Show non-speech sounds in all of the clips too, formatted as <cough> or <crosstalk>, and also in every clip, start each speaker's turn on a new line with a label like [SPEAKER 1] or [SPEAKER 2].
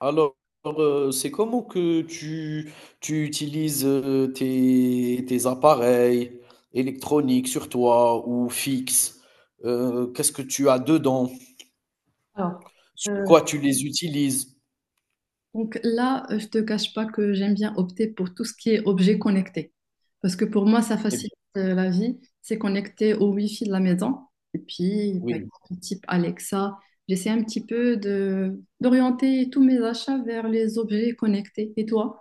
[SPEAKER 1] Alors, c'est comment que tu utilises, tes appareils électroniques sur toi ou fixes? Qu'est-ce que tu as dedans?
[SPEAKER 2] Alors,
[SPEAKER 1] Sur
[SPEAKER 2] euh,
[SPEAKER 1] quoi tu les utilises?
[SPEAKER 2] donc là, je te cache pas que j'aime bien opter pour tout ce qui est objet connecté. Parce que pour moi, ça
[SPEAKER 1] Très
[SPEAKER 2] facilite
[SPEAKER 1] bien,
[SPEAKER 2] la vie. C'est connecté au Wi-Fi de la maison. Et puis, par
[SPEAKER 1] oui.
[SPEAKER 2] exemple, type Alexa, j'essaie un petit peu de d'orienter tous mes achats vers les objets connectés. Et toi?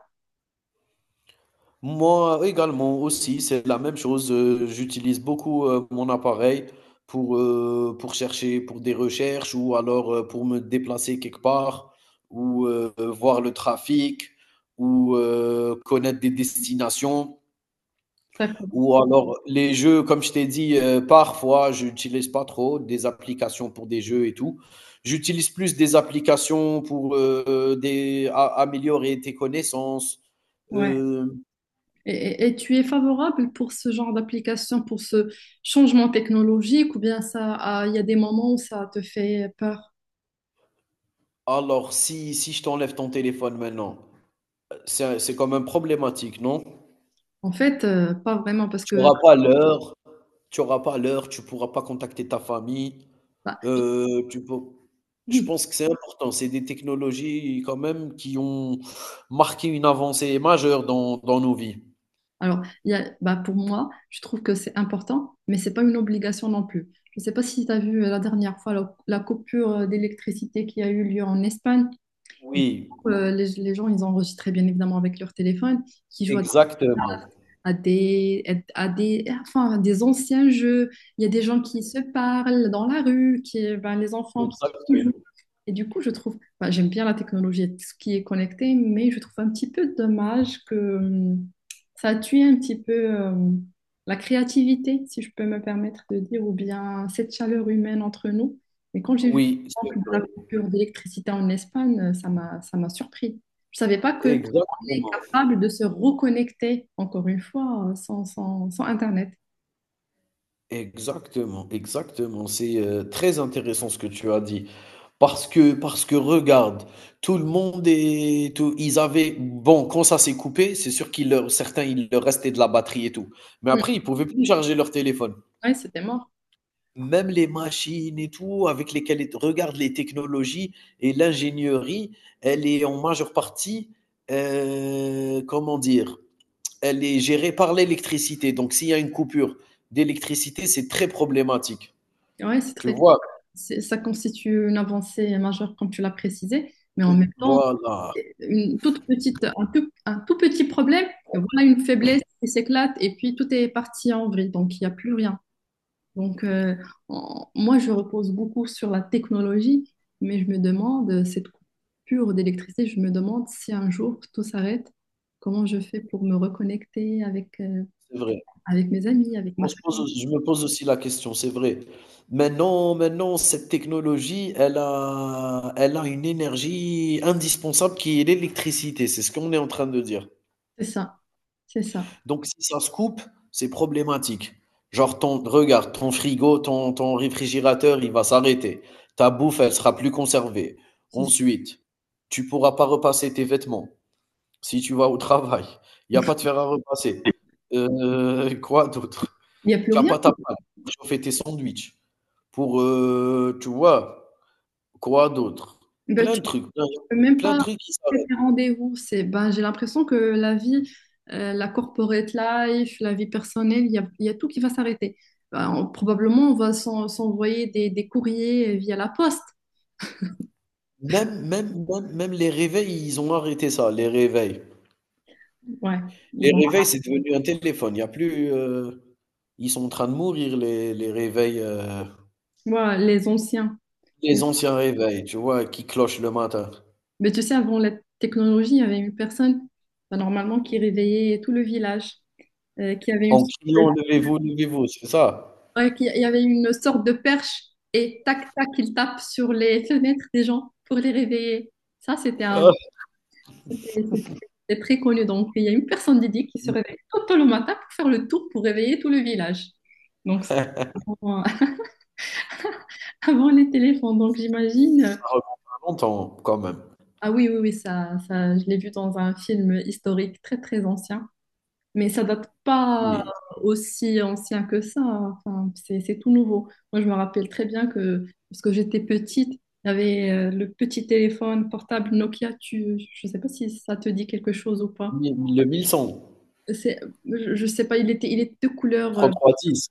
[SPEAKER 1] Moi également aussi, c'est la même chose. J'utilise beaucoup mon appareil pour chercher pour des recherches ou alors pour me déplacer quelque part ou voir le trafic ou connaître des destinations
[SPEAKER 2] D'accord.
[SPEAKER 1] ou alors les jeux, comme je t'ai dit, parfois je n'utilise pas trop des applications pour des jeux et tout. J'utilise plus des applications pour des, améliorer tes connaissances.
[SPEAKER 2] Ouais.
[SPEAKER 1] euh,
[SPEAKER 2] Et, et tu es favorable pour ce genre d'application, pour ce changement technologique, ou bien ça, ah, il y a des moments où ça te fait peur?
[SPEAKER 1] Alors, si je t'enlève ton téléphone maintenant, c'est quand même problématique, non?
[SPEAKER 2] En fait, pas vraiment, parce
[SPEAKER 1] Tu
[SPEAKER 2] que.
[SPEAKER 1] auras pas l'heure tu auras pas l'heure, tu pourras pas contacter ta famille,
[SPEAKER 2] Bah,
[SPEAKER 1] tu peux, je
[SPEAKER 2] oui,
[SPEAKER 1] pense que c'est important, c'est des technologies quand même qui ont marqué une avancée majeure dans nos vies.
[SPEAKER 2] alors il y a, bah, pour moi, je trouve que c'est important, mais c'est pas une obligation non plus. Je ne sais pas si tu as vu la dernière fois la coupure d'électricité qui a eu lieu en Espagne. Et du
[SPEAKER 1] Oui,
[SPEAKER 2] coup, les gens, ils enregistraient bien évidemment avec leur téléphone, qui jouent
[SPEAKER 1] exactement,
[SPEAKER 2] à des, enfin, à des anciens jeux. Il y a des gens qui se parlent dans la rue, qui, ben, les enfants qui.
[SPEAKER 1] exactement.
[SPEAKER 2] Et du coup, je trouve, enfin, j'aime bien la technologie, et tout ce qui est connecté, mais je trouve un petit peu dommage que ça tue un petit peu la créativité, si je peux me permettre de dire, ou bien cette chaleur humaine entre nous. Mais quand j'ai vu le
[SPEAKER 1] Oui, c'est
[SPEAKER 2] manque de
[SPEAKER 1] vrai,
[SPEAKER 2] la coupure d'électricité en Espagne, ça m'a surpris. Je savais pas qu'on est
[SPEAKER 1] exactement.
[SPEAKER 2] capable de se reconnecter, encore une fois, sans Internet.
[SPEAKER 1] Exactement, exactement. C'est très intéressant ce que tu as dit. Parce que regarde, tout le monde est, tout- ils avaient, bon, quand ça s'est coupé, c'est sûr qu'il leur, certains, il leur restait de la batterie et tout. Mais
[SPEAKER 2] Mm.
[SPEAKER 1] après, ils pouvaient plus charger leur téléphone.
[SPEAKER 2] Ouais, c'était mort.
[SPEAKER 1] Même les machines et tout, avec lesquelles, regarde les technologies et l'ingénierie, elle est en majeure partie, comment dire, elle est gérée par l'électricité. Donc, s'il y a une coupure d'électricité, c'est très problématique.
[SPEAKER 2] Ouais, c'est
[SPEAKER 1] Tu
[SPEAKER 2] très.
[SPEAKER 1] vois?
[SPEAKER 2] Ça constitue une avancée majeure, comme tu l'as précisé, mais en
[SPEAKER 1] Oui,
[SPEAKER 2] même temps,
[SPEAKER 1] voilà,
[SPEAKER 2] c'est une toute petite, un tout petit problème, et voilà une faiblesse qui s'éclate, et puis tout est parti en vrille, donc il n'y a plus rien. Donc, moi, je repose beaucoup sur la technologie, mais je me demande, cette coupure d'électricité, je me demande si un jour tout s'arrête, comment je fais pour me reconnecter avec,
[SPEAKER 1] c'est vrai.
[SPEAKER 2] avec mes amis, avec
[SPEAKER 1] On
[SPEAKER 2] ma
[SPEAKER 1] se pose
[SPEAKER 2] famille.
[SPEAKER 1] Je me pose aussi la question, c'est vrai. Maintenant cette technologie, elle a une énergie indispensable qui est l'électricité, c'est ce qu'on est en train de dire.
[SPEAKER 2] C'est ça, c'est ça,
[SPEAKER 1] Donc si ça se coupe, c'est problématique. Genre ton frigo, ton réfrigérateur, il va s'arrêter. Ta bouffe, elle sera plus conservée.
[SPEAKER 2] c'est ça.
[SPEAKER 1] Ensuite, tu pourras pas repasser tes vêtements. Si tu vas au travail, il y a pas de fer à repasser. <laughs> Quoi d'autre?
[SPEAKER 2] Il n'y a plus
[SPEAKER 1] Tu as
[SPEAKER 2] rien.
[SPEAKER 1] pas ta panne pour chauffer tes sandwichs, pour, tu vois? Quoi d'autre?
[SPEAKER 2] Ben,
[SPEAKER 1] Plein
[SPEAKER 2] tu
[SPEAKER 1] de trucs, plein
[SPEAKER 2] Même
[SPEAKER 1] plein
[SPEAKER 2] pas
[SPEAKER 1] de trucs qui
[SPEAKER 2] c'est
[SPEAKER 1] s'arrêtent.
[SPEAKER 2] un rendez-vous. Ben, j'ai l'impression que la vie, la corporate life, la vie personnelle, il y a tout qui va s'arrêter. Ben, probablement, on va s'envoyer des courriers via la poste.
[SPEAKER 1] Même les réveils, ils ont arrêté ça, les réveils.
[SPEAKER 2] Ouais,
[SPEAKER 1] Les
[SPEAKER 2] bon.
[SPEAKER 1] réveils, c'est devenu un téléphone. Il y a plus, ils sont en train de mourir les réveils,
[SPEAKER 2] Moi, les anciens.
[SPEAKER 1] les anciens réveils, tu vois? Qui clochent le matin
[SPEAKER 2] Mais tu sais, avant la technologie, il y avait une personne, ben, normalement, qui réveillait tout le village, qui avait une
[SPEAKER 1] en
[SPEAKER 2] sorte de,
[SPEAKER 1] criant: «Levez-vous, levez-vous», c'est ça.
[SPEAKER 2] ouais, il y avait une sorte de perche et tac, tac, il tape sur les <laughs> fenêtres des gens pour les réveiller. Ça, c'était un.
[SPEAKER 1] Ah.
[SPEAKER 2] C'est c'est- c'est très connu. Donc, il y a une personne dédiée qui se réveille trop tôt le matin pour faire le tour, pour réveiller tout le village. Donc, ça, avant, <laughs> avant les téléphones. Donc, j'imagine.
[SPEAKER 1] Ça remonte à longtemps quand même.
[SPEAKER 2] Ah oui, oui, oui, ça, je l'ai vu dans un film historique très, très ancien. Mais ça date pas
[SPEAKER 1] Oui,
[SPEAKER 2] aussi ancien que ça. Enfin, c'est tout nouveau. Moi, je me rappelle très bien que, parce que j'étais petite, il y avait le petit téléphone portable Nokia. Tu, je sais pas si ça te dit quelque chose ou pas.
[SPEAKER 1] le 1100,
[SPEAKER 2] C'est, je sais pas, il était de couleur,
[SPEAKER 1] 3310,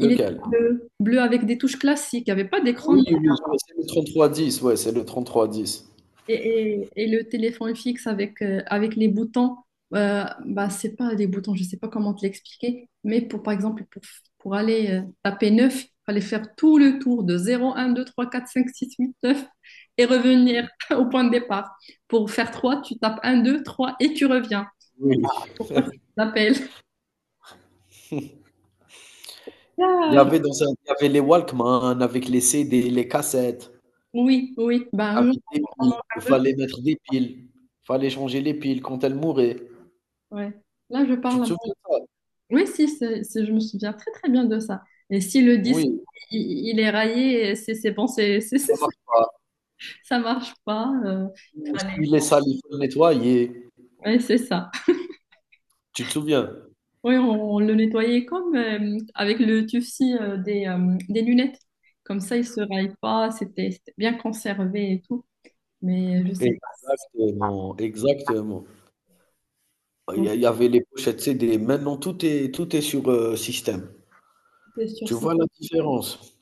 [SPEAKER 2] il était bleu, bleu avec des touches classiques, il n'y avait pas d'écran
[SPEAKER 1] Oui, oui, je vois, c'est le 3310, ouais, c'est le 3310.
[SPEAKER 2] et, et le téléphone fixe avec, avec les boutons. Bah, c'est pas des boutons, je sais pas comment te l'expliquer, mais pour, par exemple, pour aller taper neuf, il fallait faire tout le tour de zéro un deux trois quatre cinq six huit neuf et revenir <laughs> au point de départ. Pour faire trois, tu tapes un 2 3 et tu reviens.
[SPEAKER 1] Oui.
[SPEAKER 2] Pourquoi ça
[SPEAKER 1] <laughs>
[SPEAKER 2] s'appelle? Ah,
[SPEAKER 1] Il y avait les Walkman avec les CD, les cassettes,
[SPEAKER 2] oui, oui, bah,
[SPEAKER 1] avec des piles. Il
[SPEAKER 2] parle de-
[SPEAKER 1] fallait mettre des piles, fallait changer les piles quand elles mouraient.
[SPEAKER 2] ouais. Là, je
[SPEAKER 1] Tu te
[SPEAKER 2] parle.
[SPEAKER 1] souviens de ça?
[SPEAKER 2] Oui, si, je me souviens très très bien de ça. Et si le disque
[SPEAKER 1] Oui,
[SPEAKER 2] il est raillé, c'est bon, c'est, <laughs>
[SPEAKER 1] ça
[SPEAKER 2] c'est-
[SPEAKER 1] marche pas.
[SPEAKER 2] ça marche pas.
[SPEAKER 1] Ou
[SPEAKER 2] Allez,
[SPEAKER 1] s'il est sale, il faut le nettoyer.
[SPEAKER 2] ouais, c'est ça.
[SPEAKER 1] Tu te souviens?
[SPEAKER 2] Oui, on le nettoyait comme avec le tufci des lunettes. Comme ça, il se raille pas. C'était bien conservé et tout. Mais je sais pas.
[SPEAKER 1] Exactement, exactement.
[SPEAKER 2] Donc,
[SPEAKER 1] Il y avait les pochettes CD. Maintenant, tout est sur, système.
[SPEAKER 2] c'est sûr
[SPEAKER 1] Tu
[SPEAKER 2] si.
[SPEAKER 1] vois la différence?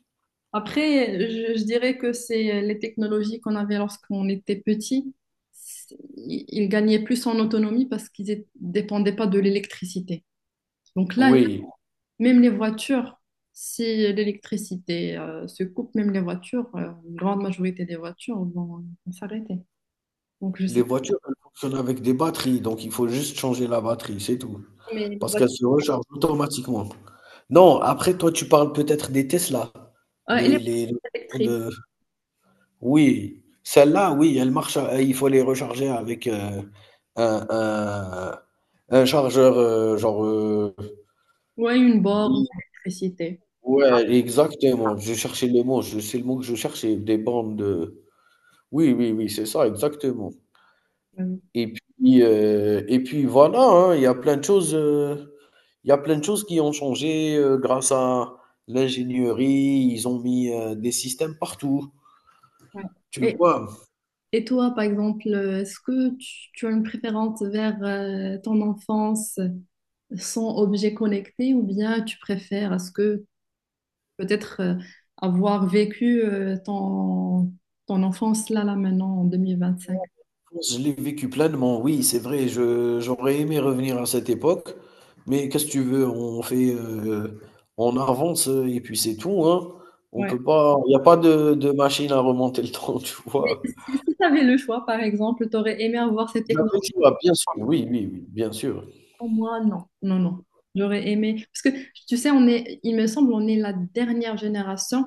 [SPEAKER 2] Après, je dirais que c'est les technologies qu'on avait lorsqu'on était petit. C'est. Ils gagnaient plus en autonomie parce qu'ils dépendaient pas de l'électricité. Donc là,
[SPEAKER 1] Oui,
[SPEAKER 2] même les voitures, si l'électricité se coupe, même les voitures, une grande majorité des voitures vont s'arrêter. Donc je
[SPEAKER 1] les
[SPEAKER 2] sais pas,
[SPEAKER 1] voitures, elles fonctionnent avec des batteries, donc il faut juste changer la batterie, c'est tout.
[SPEAKER 2] mais les
[SPEAKER 1] Parce
[SPEAKER 2] voitures.
[SPEAKER 1] qu'elles se rechargent automatiquement. Non, après toi, tu parles peut-être des Tesla.
[SPEAKER 2] Ouais, et les
[SPEAKER 1] Les
[SPEAKER 2] voitures
[SPEAKER 1] voitures
[SPEAKER 2] électriques.
[SPEAKER 1] de, oui, celles-là, oui, elles marchent à, il faut les recharger avec, un un chargeur, genre,
[SPEAKER 2] Ouais, une
[SPEAKER 1] de
[SPEAKER 2] borne d'électricité.
[SPEAKER 1] Ouais, exactement. Je cherchais le mot, je c'est le mot que je cherchais, des bandes de, oui, oui, oui, c'est ça, exactement.
[SPEAKER 2] Euh,
[SPEAKER 1] Et puis voilà, hein, il y a plein de choses, il y a plein de choses qui ont changé, grâce à l'ingénierie. Ils ont mis, des systèmes partout,
[SPEAKER 2] ouais.
[SPEAKER 1] tu
[SPEAKER 2] Et,
[SPEAKER 1] vois?
[SPEAKER 2] et toi, par exemple, est-ce que tu as une préférence vers ton enfance? Sans objet connecté ou bien tu préfères, est-ce que peut-être avoir vécu ton enfance là maintenant en 2025?
[SPEAKER 1] Je l'ai vécu pleinement, oui, c'est vrai. Je, j'aurais aimé revenir à cette époque, mais qu'est-ce que tu veux? On fait, on avance et puis c'est tout, hein. On
[SPEAKER 2] Ouais.
[SPEAKER 1] peut pas, il n'y a pas de, de machine à remonter le temps, <laughs> tu
[SPEAKER 2] Mais
[SPEAKER 1] vois.
[SPEAKER 2] si tu avais le choix, par exemple, tu aurais aimé avoir
[SPEAKER 1] C'est
[SPEAKER 2] cette
[SPEAKER 1] la même
[SPEAKER 2] technologie?
[SPEAKER 1] chose, bien sûr. Oui, oui, oui, bien sûr.
[SPEAKER 2] Moi, non, non, non. J'aurais aimé. Parce que tu sais, on est, il me semble, on est la dernière génération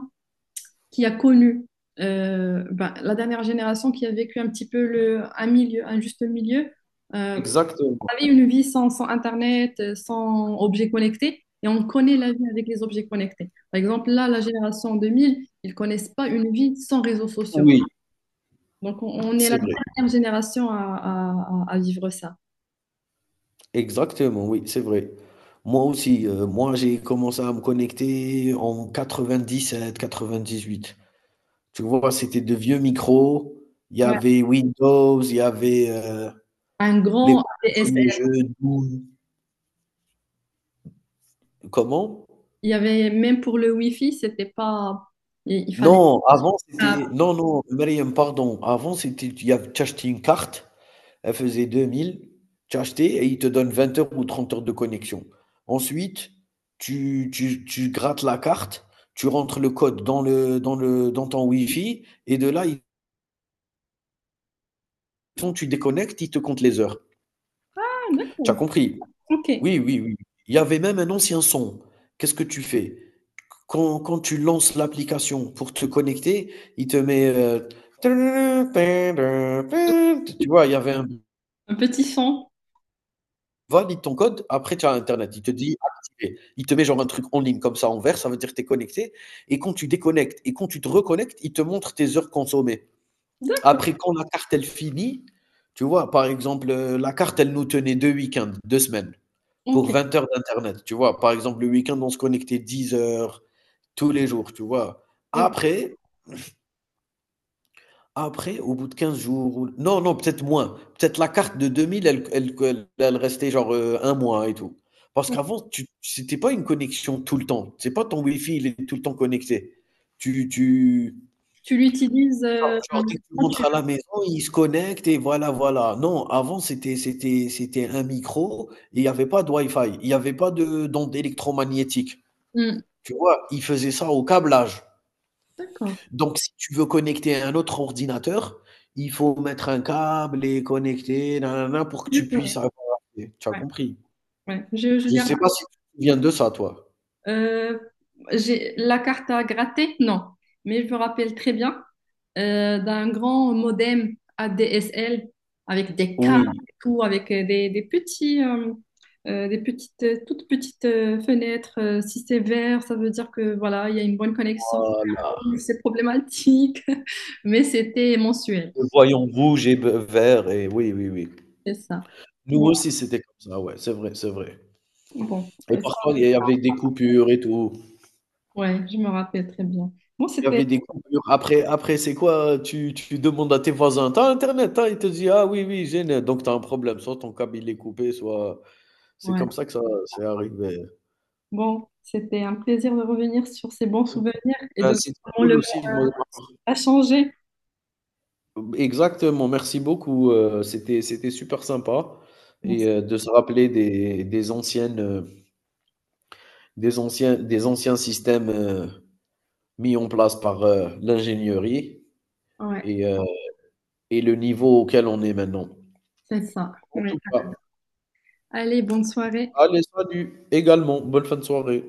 [SPEAKER 2] qui a connu, ben, la dernière génération qui a vécu un petit peu un milieu, un juste milieu. Euh,
[SPEAKER 1] Exactement.
[SPEAKER 2] avait une vie sans Internet, sans objets connectés, et on connaît la vie avec les objets connectés. Par exemple, là, la génération 2000, ils ne connaissent pas une vie sans réseaux sociaux.
[SPEAKER 1] Oui,
[SPEAKER 2] Donc, on est la
[SPEAKER 1] c'est vrai.
[SPEAKER 2] dernière génération à, à vivre ça.
[SPEAKER 1] Exactement, oui, c'est vrai. Moi aussi, moi j'ai commencé à me connecter en 98. Tu vois, c'était de vieux micros. Il y
[SPEAKER 2] Ouais.
[SPEAKER 1] avait Windows, il y avait,
[SPEAKER 2] Un grand
[SPEAKER 1] les premiers
[SPEAKER 2] ADSL.
[SPEAKER 1] jeux Doom, comment?
[SPEAKER 2] Il y avait, même pour le Wi-Fi, c'était pas. Il fallait.
[SPEAKER 1] Non, avant
[SPEAKER 2] Ah,
[SPEAKER 1] c'était, non, non, Meriem, pardon. Avant c'était, il y av tu achetais une carte, elle faisait 2000, tu achetais et ils te donnent 20 heures ou 30 heures de connexion. Ensuite, tu grattes la carte, tu rentres le code dans le dans le dans ton Wi-Fi et de là, ils te font tu déconnectes, ils te comptent les heures. Tu as
[SPEAKER 2] d'accord.
[SPEAKER 1] compris?
[SPEAKER 2] OK.
[SPEAKER 1] Oui, oui, oui. Il y avait même un ancien son. Qu'est-ce que tu fais? Quand tu lances l'application pour te connecter, il te met, tu vois? Il y avait un
[SPEAKER 2] Un petit son.
[SPEAKER 1] valide ton code, après tu as internet. Il te dit: «Activé». Il te met genre un truc en ligne comme ça en vert, ça veut dire que tu es connecté et quand tu déconnectes et quand tu te reconnectes, il te montre tes heures consommées.
[SPEAKER 2] D'accord.
[SPEAKER 1] Après quand la carte elle finit, tu vois? Par exemple, la carte elle nous tenait 2 week-ends, 2 semaines. Pour
[SPEAKER 2] OK.
[SPEAKER 1] 20 heures d'internet, tu vois? Par exemple, le week-end, on se connectait 10 heures tous les jours, tu vois?
[SPEAKER 2] OK.
[SPEAKER 1] Après après, au bout de 15 jours ou, non, non, peut-être moins. Peut-être la carte de 2000, elle restait genre, 1 mois et tout. Parce qu'avant, tu c'était pas une connexion tout le temps. C'est pas ton Wi-Fi, il est tout le temps connecté. Tu tu
[SPEAKER 2] Tu l'utilises
[SPEAKER 1] genre genre dès que tu
[SPEAKER 2] quand tu
[SPEAKER 1] rentres à la maison, il se connecte et voilà, voilà. Non, avant, c'était un micro et il y avait pas de Wi-Fi. Il y avait pas de d'ondes électromagnétique.
[SPEAKER 2] veux. Hmm.
[SPEAKER 1] Tu vois? Ils faisaient ça au câblage.
[SPEAKER 2] D'accord.
[SPEAKER 1] Donc si tu veux connecter un autre ordinateur, il faut mettre un câble et connecter nanana pour que
[SPEAKER 2] Je
[SPEAKER 1] tu
[SPEAKER 2] connais.
[SPEAKER 1] puisses avoir accès. Tu as
[SPEAKER 2] Ouais.
[SPEAKER 1] compris?
[SPEAKER 2] Ouais. Je
[SPEAKER 1] Je
[SPEAKER 2] garde.
[SPEAKER 1] sais pas si tu te souviens de ça, toi?
[SPEAKER 2] Euh, j'ai la carte à gratter, non, mais je me rappelle très bien d'un grand modem ADSL avec des câbles
[SPEAKER 1] Oui,
[SPEAKER 2] et tout, avec des petits, toutes petites fenêtres. Si c'est vert, ça veut dire que voilà, il y a une bonne connexion. <laughs> Si
[SPEAKER 1] voilà,
[SPEAKER 2] c'est rouge, c'est problématique, <laughs> mais c'était mensuel,
[SPEAKER 1] le voyant rouge et b vert et oui, oui, oui.
[SPEAKER 2] c'est ça.
[SPEAKER 1] Nous
[SPEAKER 2] Bon,
[SPEAKER 1] aussi, c'était comme ça, ouais, c'est vrai, c'est vrai,
[SPEAKER 2] bon,
[SPEAKER 1] et
[SPEAKER 2] ça,
[SPEAKER 1] parfois, il y avait des coupures et tout.
[SPEAKER 2] ouais, je me rappelle très bien. Bon,
[SPEAKER 1] Il y
[SPEAKER 2] c'était,
[SPEAKER 1] avait des coupures. Après, c'est quoi? Tu demandes à tes voisins: t'as internet, hein?» Il te dit: «Ah oui, oui, j'ai net». Donc t'as un problème, soit ton câble il est coupé, soit, c'est
[SPEAKER 2] ouais.
[SPEAKER 1] comme ça que ça c'est arrivé.
[SPEAKER 2] Bon, c'était un plaisir de revenir sur ces bons souvenirs et
[SPEAKER 1] Bah,
[SPEAKER 2] de voir
[SPEAKER 1] c'était
[SPEAKER 2] comment le
[SPEAKER 1] cool
[SPEAKER 2] monde
[SPEAKER 1] aussi de mon part.
[SPEAKER 2] a changé.
[SPEAKER 1] Exactement, merci beaucoup, c'était super sympa
[SPEAKER 2] Bon.
[SPEAKER 1] et de se rappeler des anciennes, des anciens systèmes, mis en place par, l'ingénierie
[SPEAKER 2] Ouais,
[SPEAKER 1] et heu et le niveau auquel on est maintenant.
[SPEAKER 2] c'est ça.
[SPEAKER 1] En
[SPEAKER 2] Ouais.
[SPEAKER 1] tout cas,
[SPEAKER 2] Allez, bonne soirée.
[SPEAKER 1] allez salut également, bonne fin de soirée.